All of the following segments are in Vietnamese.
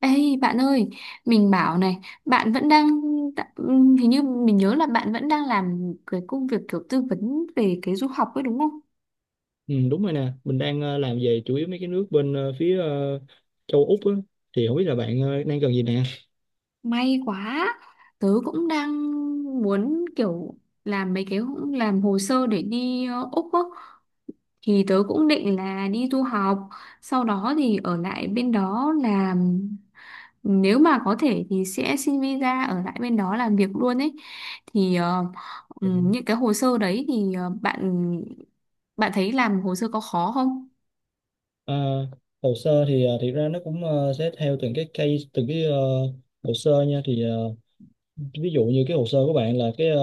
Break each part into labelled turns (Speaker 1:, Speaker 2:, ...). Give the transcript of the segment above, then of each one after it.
Speaker 1: Ê bạn ơi, mình bảo này, bạn vẫn đang, hình như mình nhớ là bạn vẫn đang làm cái công việc kiểu tư vấn về cái du học ấy đúng không?
Speaker 2: Ừ, đúng rồi nè, mình đang làm về chủ yếu mấy cái nước bên phía châu Úc á, thì không biết là bạn đang cần gì nè.
Speaker 1: May quá, tớ cũng đang muốn kiểu làm mấy cái làm hồ sơ để đi Úc á, thì tớ cũng định là đi du học, sau đó thì ở lại bên đó làm nếu mà có thể thì sẽ xin visa ở lại bên đó làm việc luôn ấy thì những cái hồ sơ đấy thì ờ, bạn bạn thấy làm hồ sơ có khó không?
Speaker 2: Ờ, hồ sơ thì thiệt ra nó cũng sẽ theo từng cái case, từng cái hồ sơ nha, thì ví dụ như cái hồ sơ của bạn là cái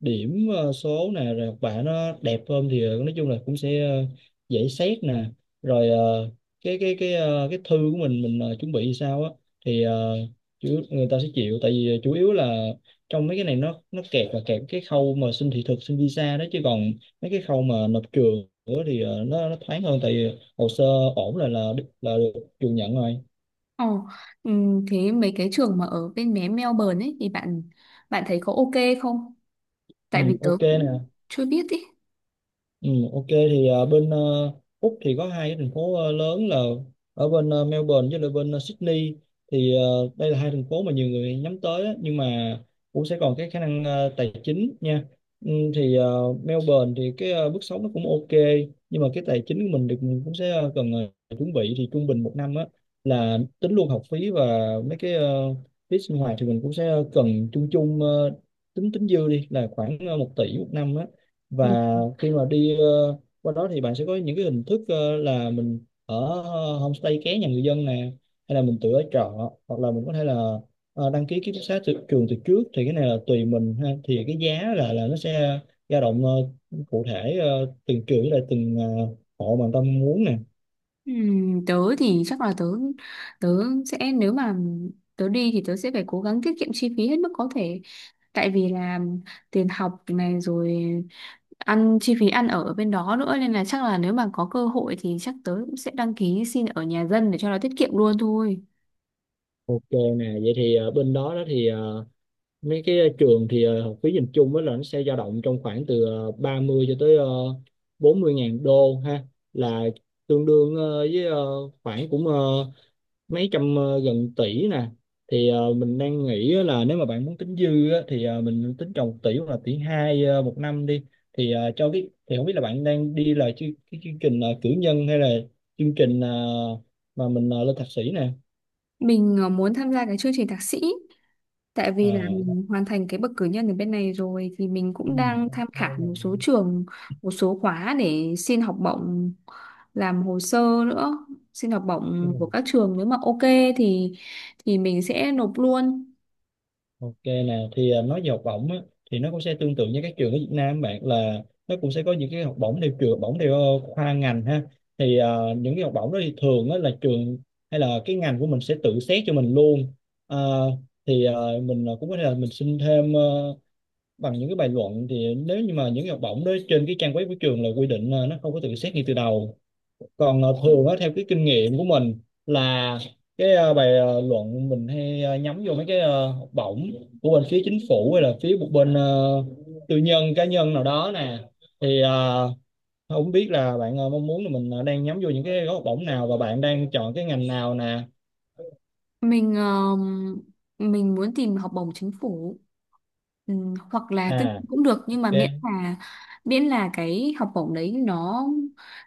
Speaker 2: điểm số nè, rồi học bạ nó đẹp hơn thì nói chung là cũng sẽ dễ xét nè. Rồi cái cái thư của mình chuẩn bị thì sao á, thì người ta sẽ chịu, tại vì chủ yếu là trong mấy cái này nó kẹt, là kẹt cái khâu mà xin thị thực xin visa đó, chứ còn mấy cái khâu mà nộp trường nữa thì nó thoáng hơn, tại vì hồ sơ ổn là được trường nhận rồi.
Speaker 1: Ồ, thế mấy cái trường mà ở bên mé Melbourne ấy thì bạn bạn thấy có ok không?
Speaker 2: Ừ,
Speaker 1: Tại vì tớ
Speaker 2: ok
Speaker 1: cũng
Speaker 2: nè.
Speaker 1: chưa biết ý.
Speaker 2: Ừ, ok thì bên Úc thì có hai cái thành phố lớn là ở bên Melbourne với lại bên Sydney. Thì đây là hai thành phố mà nhiều người nhắm tới á, nhưng mà cũng sẽ còn cái khả năng tài chính nha. Ừ, thì Melbourne thì cái mức sống nó cũng ok, nhưng mà cái tài chính của mình thì mình cũng sẽ cần chuẩn bị thì trung bình một năm á là tính luôn học phí và mấy cái phí sinh hoạt thì mình cũng sẽ cần chung chung tính tính dư đi là khoảng 1 tỷ một năm á. Và khi mà đi qua đó thì bạn sẽ có những cái hình thức là mình ở homestay ké nhà người dân nè, hay là mình tự ở trọ, hoặc là mình có thể là đăng ký ký túc xá từ trường từ trước. Thì cái này là tùy mình ha, thì cái giá là nó sẽ dao động cụ thể từng trường với lại từng hộ mà người ta muốn nè.
Speaker 1: Tớ thì chắc là tớ tớ sẽ nếu mà tớ đi thì tớ sẽ phải cố gắng tiết kiệm chi phí hết mức có thể tại vì là tiền học này rồi ăn chi phí ăn ở ở bên đó nữa nên là chắc là nếu mà có cơ hội thì chắc tớ cũng sẽ đăng ký xin ở nhà dân để cho nó tiết kiệm luôn thôi.
Speaker 2: Ok nè, vậy thì bên đó đó thì mấy cái trường thì học phí nhìn chung á là nó sẽ dao động trong khoảng từ 30 cho tới 40 ngàn đô ha, là tương đương với khoảng cũng mấy trăm gần tỷ nè. Thì mình đang nghĩ á là nếu mà bạn muốn tính dư á, thì mình tính trồng 1 tỷ hoặc là tỷ hai một năm đi. Thì cho cái thì không biết là bạn đang đi là cái chương trình cử nhân hay là chương trình mà mình lên thạc sĩ nè.
Speaker 1: Mình muốn tham gia cái chương trình thạc sĩ. Tại vì là
Speaker 2: À.
Speaker 1: mình hoàn thành cái bậc cử nhân ở bên này rồi thì mình
Speaker 2: Ừ.
Speaker 1: cũng đang tham khảo một số trường, một số khóa để xin học bổng, làm hồ sơ nữa, xin học
Speaker 2: Ừ.
Speaker 1: bổng của các trường nếu mà ok thì thì mình sẽ nộp luôn.
Speaker 2: Ok nè, thì à, nói về học bổng á, thì nó cũng sẽ tương tự như các trường ở Việt Nam, bạn, là nó cũng sẽ có những cái học bổng theo trường, học bổng theo khoa ngành ha. Thì à, những cái học bổng đó thì thường á, là trường hay là cái ngành của mình sẽ tự xét cho mình luôn. À, thì à, mình à, cũng có thể là mình xin thêm bằng những cái bài luận, thì nếu như mà những cái học bổng đó trên cái trang web của trường là quy định là nó không có tự xét ngay từ đầu. Còn thường á, theo cái kinh nghiệm của mình, là cái bài luận mình hay nhắm vô mấy cái học bổng của bên phía chính phủ hay là phía một bên tư nhân cá nhân nào đó nè. Thì không biết là bạn mong muốn là mình đang nhắm vô những cái gói học bổng nào, và bạn đang chọn cái ngành nào nè.
Speaker 1: Mình mình muốn tìm học bổng chính phủ, hoặc là tư
Speaker 2: À,
Speaker 1: nhân cũng được nhưng mà
Speaker 2: ok.
Speaker 1: miễn là cái học bổng đấy nó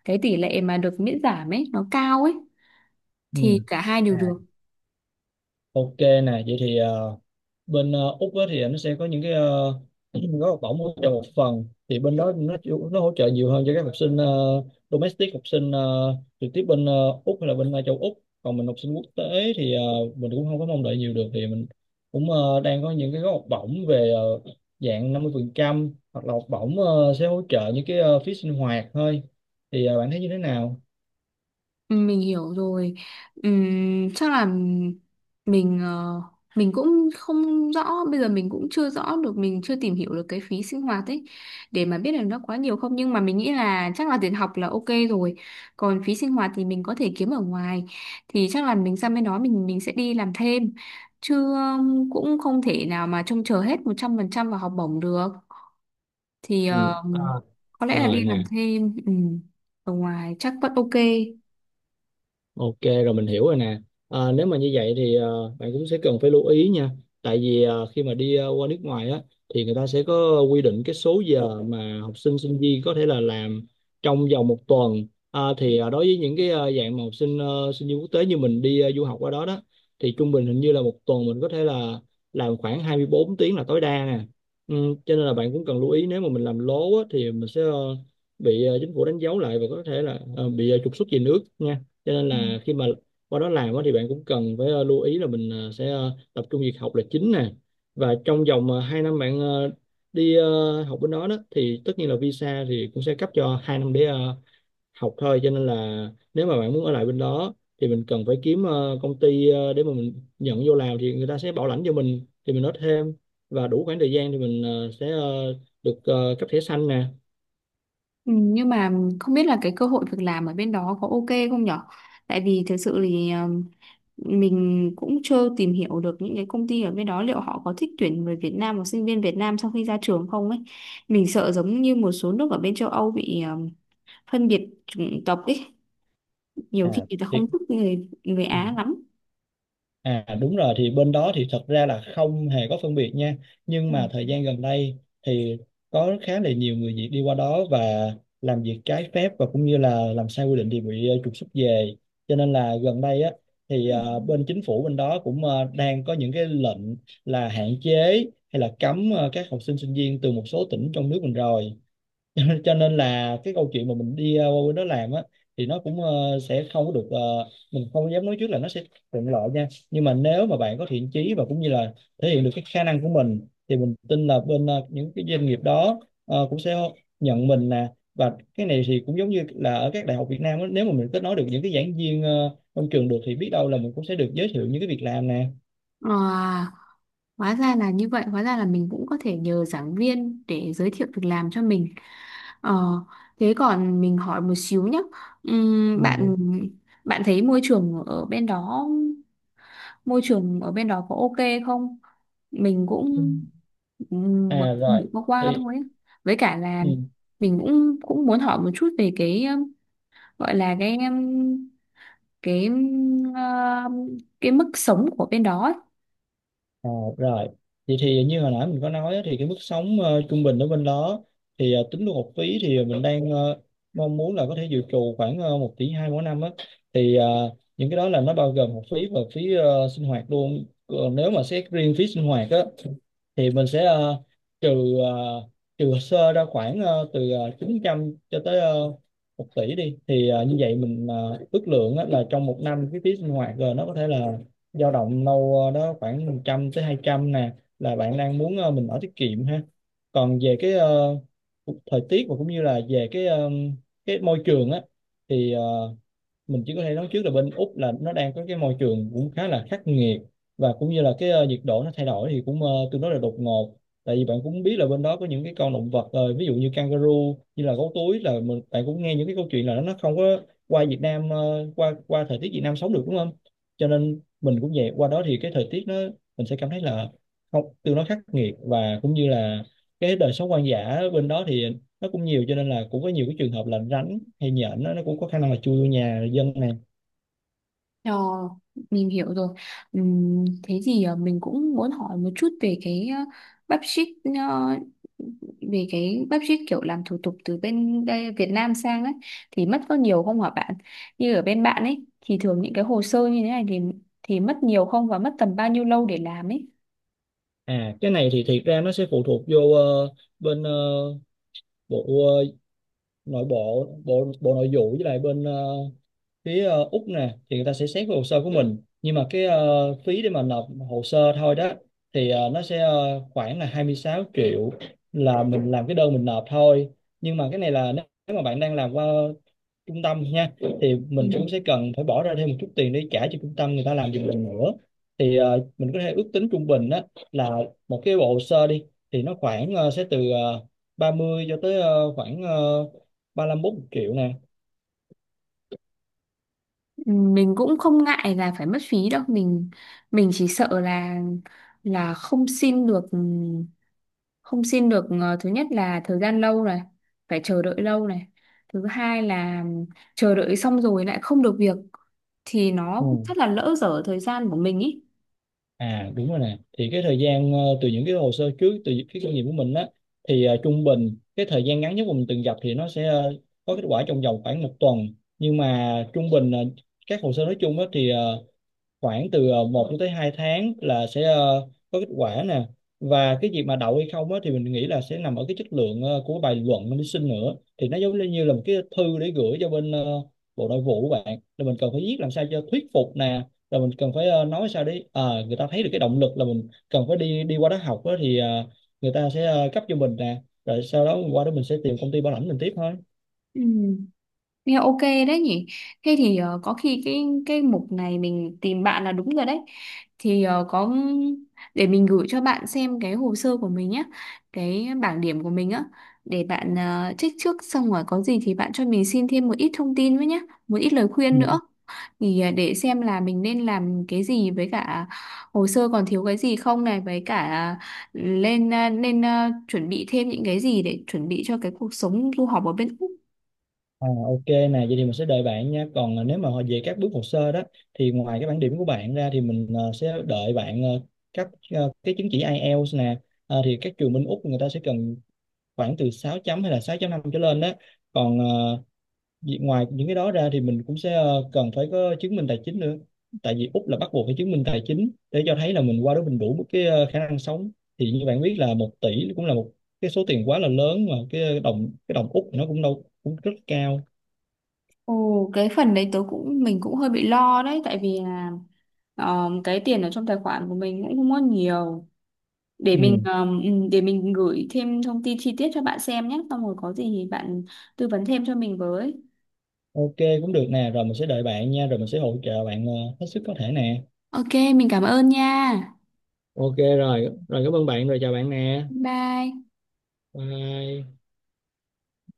Speaker 1: cái tỷ lệ mà được miễn giảm ấy nó cao ấy
Speaker 2: Ừ.
Speaker 1: thì cả hai đều
Speaker 2: À,
Speaker 1: được.
Speaker 2: ok nè, vậy thì bên Úc á thì nó sẽ có những cái gói học bổng hỗ trợ một phần, thì bên đó nó nó hỗ trợ nhiều hơn cho các học sinh domestic, học sinh trực tiếp bên Úc hay là bên châu Úc. Còn mình học sinh quốc tế thì mình cũng không có mong đợi nhiều được, thì mình cũng đang có những cái gói học bổng về dạng 50% hoặc là học bổng sẽ hỗ trợ những cái phí sinh hoạt thôi. Thì bạn thấy như thế nào?
Speaker 1: Mình hiểu rồi. Chắc là mình ờ, mình cũng không rõ, bây giờ mình cũng chưa rõ được, mình chưa tìm hiểu được cái phí sinh hoạt ấy để mà biết được nó quá nhiều không, nhưng mà mình nghĩ là chắc là tiền học là ok rồi, còn phí sinh hoạt thì mình có thể kiếm ở ngoài thì chắc là mình sang bên đó mình sẽ đi làm thêm chứ cũng không thể nào mà trông chờ hết 100% vào học bổng được thì
Speaker 2: Ừ. À,
Speaker 1: có lẽ là
Speaker 2: rồi
Speaker 1: đi làm
Speaker 2: nè.
Speaker 1: thêm, ở ngoài chắc vẫn ok.
Speaker 2: Ok, rồi mình hiểu rồi nè. À, nếu mà như vậy thì bạn cũng sẽ cần phải lưu ý nha. Tại vì khi mà đi qua nước ngoài á thì người ta sẽ có quy định cái số giờ mà học sinh sinh viên có thể là làm trong vòng một tuần. À, thì đối với những cái dạng mà học sinh sinh viên quốc tế như mình đi du học qua đó đó thì trung bình hình như là một tuần mình có thể là làm khoảng 24 tiếng là tối đa nè. Ừ, cho nên là bạn cũng cần lưu ý, nếu mà mình làm lố á thì mình sẽ bị chính phủ đánh dấu lại và có thể là bị trục xuất về nước nha. Cho nên là khi mà qua đó làm á thì bạn cũng cần phải lưu ý là mình sẽ tập trung việc học là chính nè. Và trong vòng 2 năm bạn đi học bên đó đó thì tất nhiên là visa thì cũng sẽ cấp cho 2 năm để học thôi. Cho nên là nếu mà bạn muốn ở lại bên đó thì mình cần phải kiếm công ty để mà mình nhận vô làm, thì người ta sẽ bảo lãnh cho mình, thì mình nói thêm và đủ khoảng thời gian thì mình sẽ được cấp thẻ xanh nè.
Speaker 1: Ừ, nhưng mà không biết là cái cơ hội việc làm ở bên đó có ok không nhở? Tại vì thực sự thì mình cũng chưa tìm hiểu được những cái công ty ở bên đó liệu họ có thích tuyển người Việt Nam hoặc sinh viên Việt Nam sau khi ra trường không ấy. Mình sợ giống như một số nước ở bên châu Âu bị phân biệt chủng tộc ấy, nhiều khi
Speaker 2: À,
Speaker 1: người ta
Speaker 2: thì
Speaker 1: không thích người người Á lắm.
Speaker 2: À, đúng rồi, thì bên đó thì thật ra là không hề có phân biệt nha, nhưng
Speaker 1: Ừ.
Speaker 2: mà thời gian gần đây thì có khá là nhiều người Việt đi qua đó và làm việc trái phép và cũng như là làm sai quy định thì bị trục xuất về. Cho nên là gần đây á thì bên chính phủ bên đó cũng đang có những cái lệnh là hạn chế hay là cấm các học sinh sinh viên từ một số tỉnh trong nước mình rồi. Cho nên là cái câu chuyện mà mình đi qua bên đó làm á thì nó cũng sẽ không có được, mình không dám nói trước là nó sẽ thuận lợi nha. Nhưng mà nếu mà bạn có thiện chí và cũng như là thể hiện được cái khả năng của mình thì mình tin là bên những cái doanh nghiệp đó cũng sẽ nhận mình nè. Và cái này thì cũng giống như là ở các đại học Việt Nam á, nếu mà mình kết nối được những cái giảng viên trong trường được thì biết đâu là mình cũng sẽ được giới thiệu những cái việc làm nè.
Speaker 1: À, hóa ra là như vậy, hóa ra là mình cũng có thể nhờ giảng viên để giới thiệu việc làm cho mình. Ờ, thế còn mình hỏi một xíu nhé. Bạn
Speaker 2: Ừ.
Speaker 1: bạn thấy môi trường ở bên đó, môi trường ở bên đó có ok không? Mình
Speaker 2: Ừ.
Speaker 1: cũng mới
Speaker 2: À, rồi
Speaker 1: được qua qua
Speaker 2: thì.
Speaker 1: thôi á. Với cả là
Speaker 2: Ừ.
Speaker 1: mình cũng cũng muốn hỏi một chút về cái gọi là cái ờ, cái mức sống của bên đó ấy.
Speaker 2: Ờ, rồi vậy thì như hồi nãy mình có nói á, thì cái mức sống trung bình ở bên đó thì tính luôn học phí thì mình đang mong muốn là có thể dự trù khoảng 1 tỷ hai mỗi năm á. Thì những cái đó là nó bao gồm học phí và phí sinh hoạt luôn. Còn nếu mà xét riêng phí sinh hoạt á thì mình sẽ trừ ờ, trừ sơ ra khoảng từ 900 cho tới 1 tỷ đi. Thì như vậy mình ước lượng á, là trong một năm cái phí sinh hoạt rồi nó có thể là dao động đâu đó khoảng 100 tới 200 nè, là bạn đang muốn mình ở tiết kiệm ha. Còn về cái thời tiết và cũng như là về cái cái môi trường á thì mình chỉ có thể nói trước là bên Úc là nó đang có cái môi trường cũng khá là khắc nghiệt, và cũng như là cái nhiệt độ nó thay đổi thì cũng tương đối là đột ngột. Tại vì bạn cũng biết là bên đó có những cái con động vật ví dụ như kangaroo, như là gấu túi, là mình bạn cũng nghe những cái câu chuyện là nó không có qua Việt Nam qua qua thời tiết Việt Nam sống được đúng không. Cho nên mình cũng vậy, qua đó thì cái thời tiết nó mình sẽ cảm thấy là không tương đối khắc nghiệt, và cũng như là cái đời sống hoang dã bên đó thì nó cũng nhiều, cho nên là cũng có nhiều cái trường hợp là rắn hay nhện nó cũng có khả năng là chui vô nhà dân này.
Speaker 1: Ờ, mình hiểu rồi. Thế thì mình cũng muốn hỏi một chút về cái bắp ship, ờ, về cái bắp ship kiểu làm thủ tục từ bên đây Việt Nam sang ấy thì mất có nhiều không hả bạn? Như ở bên bạn ấy thì thường những cái hồ sơ như thế này thì mất nhiều không và mất tầm bao nhiêu lâu để làm ấy?
Speaker 2: À, cái này thì thiệt ra nó sẽ phụ thuộc vô bên bộ ờ, nội bộ bộ bộ nội vụ, với lại bên phía Úc nè, thì người ta sẽ xét cái hồ sơ của mình. Nhưng mà cái phí để mà nộp hồ sơ thôi đó thì nó sẽ khoảng là 26 triệu, là mình làm cái đơn mình nộp thôi. Nhưng mà cái này là nếu nếu mà bạn đang làm qua trung tâm nha, thì
Speaker 1: Ừ.
Speaker 2: mình cũng sẽ cần phải bỏ ra thêm một chút tiền để trả cho trung tâm người ta làm giùm mình nữa. Thì mình có thể ước tính trung bình á, là một cái bộ hồ sơ đi thì nó khoảng sẽ từ 30 cho tới khoảng ba lăm bốn triệu nè.
Speaker 1: Mình cũng không ngại là phải mất phí đâu, mình chỉ sợ là không xin được, không xin được, thứ nhất là thời gian lâu này, phải chờ đợi lâu này, thứ hai là chờ đợi xong rồi lại không được việc thì nó
Speaker 2: Ừ.
Speaker 1: rất là lỡ dở thời gian của mình ý.
Speaker 2: À, đúng rồi nè, thì cái thời gian từ những cái hồ sơ trước, từ những cái kinh nghiệm của mình á, thì trung bình cái thời gian ngắn nhất mà mình từng gặp thì nó sẽ có kết quả trong vòng khoảng một tuần. Nhưng mà trung bình các hồ sơ nói chung á thì khoảng từ 1 cho tới 2 tháng là sẽ có kết quả nè. Và cái việc mà đậu hay không á, thì mình nghĩ là sẽ nằm ở cái chất lượng của bài luận mình đi xin nữa. Thì nó giống như là một cái thư để gửi cho bên bộ nội vụ của bạn, là mình cần phải viết làm sao cho thuyết phục nè, rồi mình cần phải nói sao để người ta thấy được cái động lực là mình cần phải đi đi qua đó học á, thì người ta sẽ cấp cho mình nè, rồi sau đó qua đó mình sẽ tìm công ty bảo lãnh mình tiếp thôi.
Speaker 1: Ừ. Nghe ok đấy nhỉ. Thế thì có khi cái mục này mình tìm bạn là đúng rồi đấy. Thì có, để mình gửi cho bạn xem cái hồ sơ của mình nhé, cái bảng điểm của mình á, để bạn check trước xong rồi có gì thì bạn cho mình xin thêm một ít thông tin với nhé, một ít lời khuyên nữa. Thì để xem là mình nên làm cái gì với cả hồ sơ còn thiếu cái gì không này với cả nên chuẩn bị thêm những cái gì để chuẩn bị cho cái cuộc sống du học ở bên Úc.
Speaker 2: À, ok nè, vậy thì mình sẽ đợi bạn nha. Còn à, nếu mà về các bước hồ sơ đó thì ngoài cái bản điểm của bạn ra thì mình à, sẽ đợi bạn à, các à, cái chứng chỉ IELTS nè. À, thì các trường bên Úc người ta sẽ cần khoảng từ 6.0 hay là 6.5 trở lên đó. Còn à, ngoài những cái đó ra thì mình cũng sẽ à, cần phải có chứng minh tài chính nữa. Tại vì Úc là bắt buộc phải chứng minh tài chính để cho thấy là mình qua đó mình đủ một cái à, khả năng sống. Thì như bạn biết là 1 tỷ cũng là một cái số tiền quá là lớn, mà cái đồng Úc nó cũng đâu cũng rất cao.
Speaker 1: Ồ, cái phần đấy tớ cũng mình cũng hơi bị lo đấy tại vì là cái tiền ở trong tài khoản của mình cũng không có nhiều để
Speaker 2: Ừ.
Speaker 1: để mình gửi thêm thông tin chi tiết cho bạn xem nhé xong rồi có gì thì bạn tư vấn thêm cho mình với.
Speaker 2: Ok, cũng được nè, rồi mình sẽ đợi bạn nha, rồi mình sẽ hỗ trợ bạn hết sức có thể nè.
Speaker 1: Ok, mình cảm ơn nha.
Speaker 2: Ok rồi, rồi cảm ơn bạn, rồi chào bạn nè.
Speaker 1: Bye.
Speaker 2: Bye.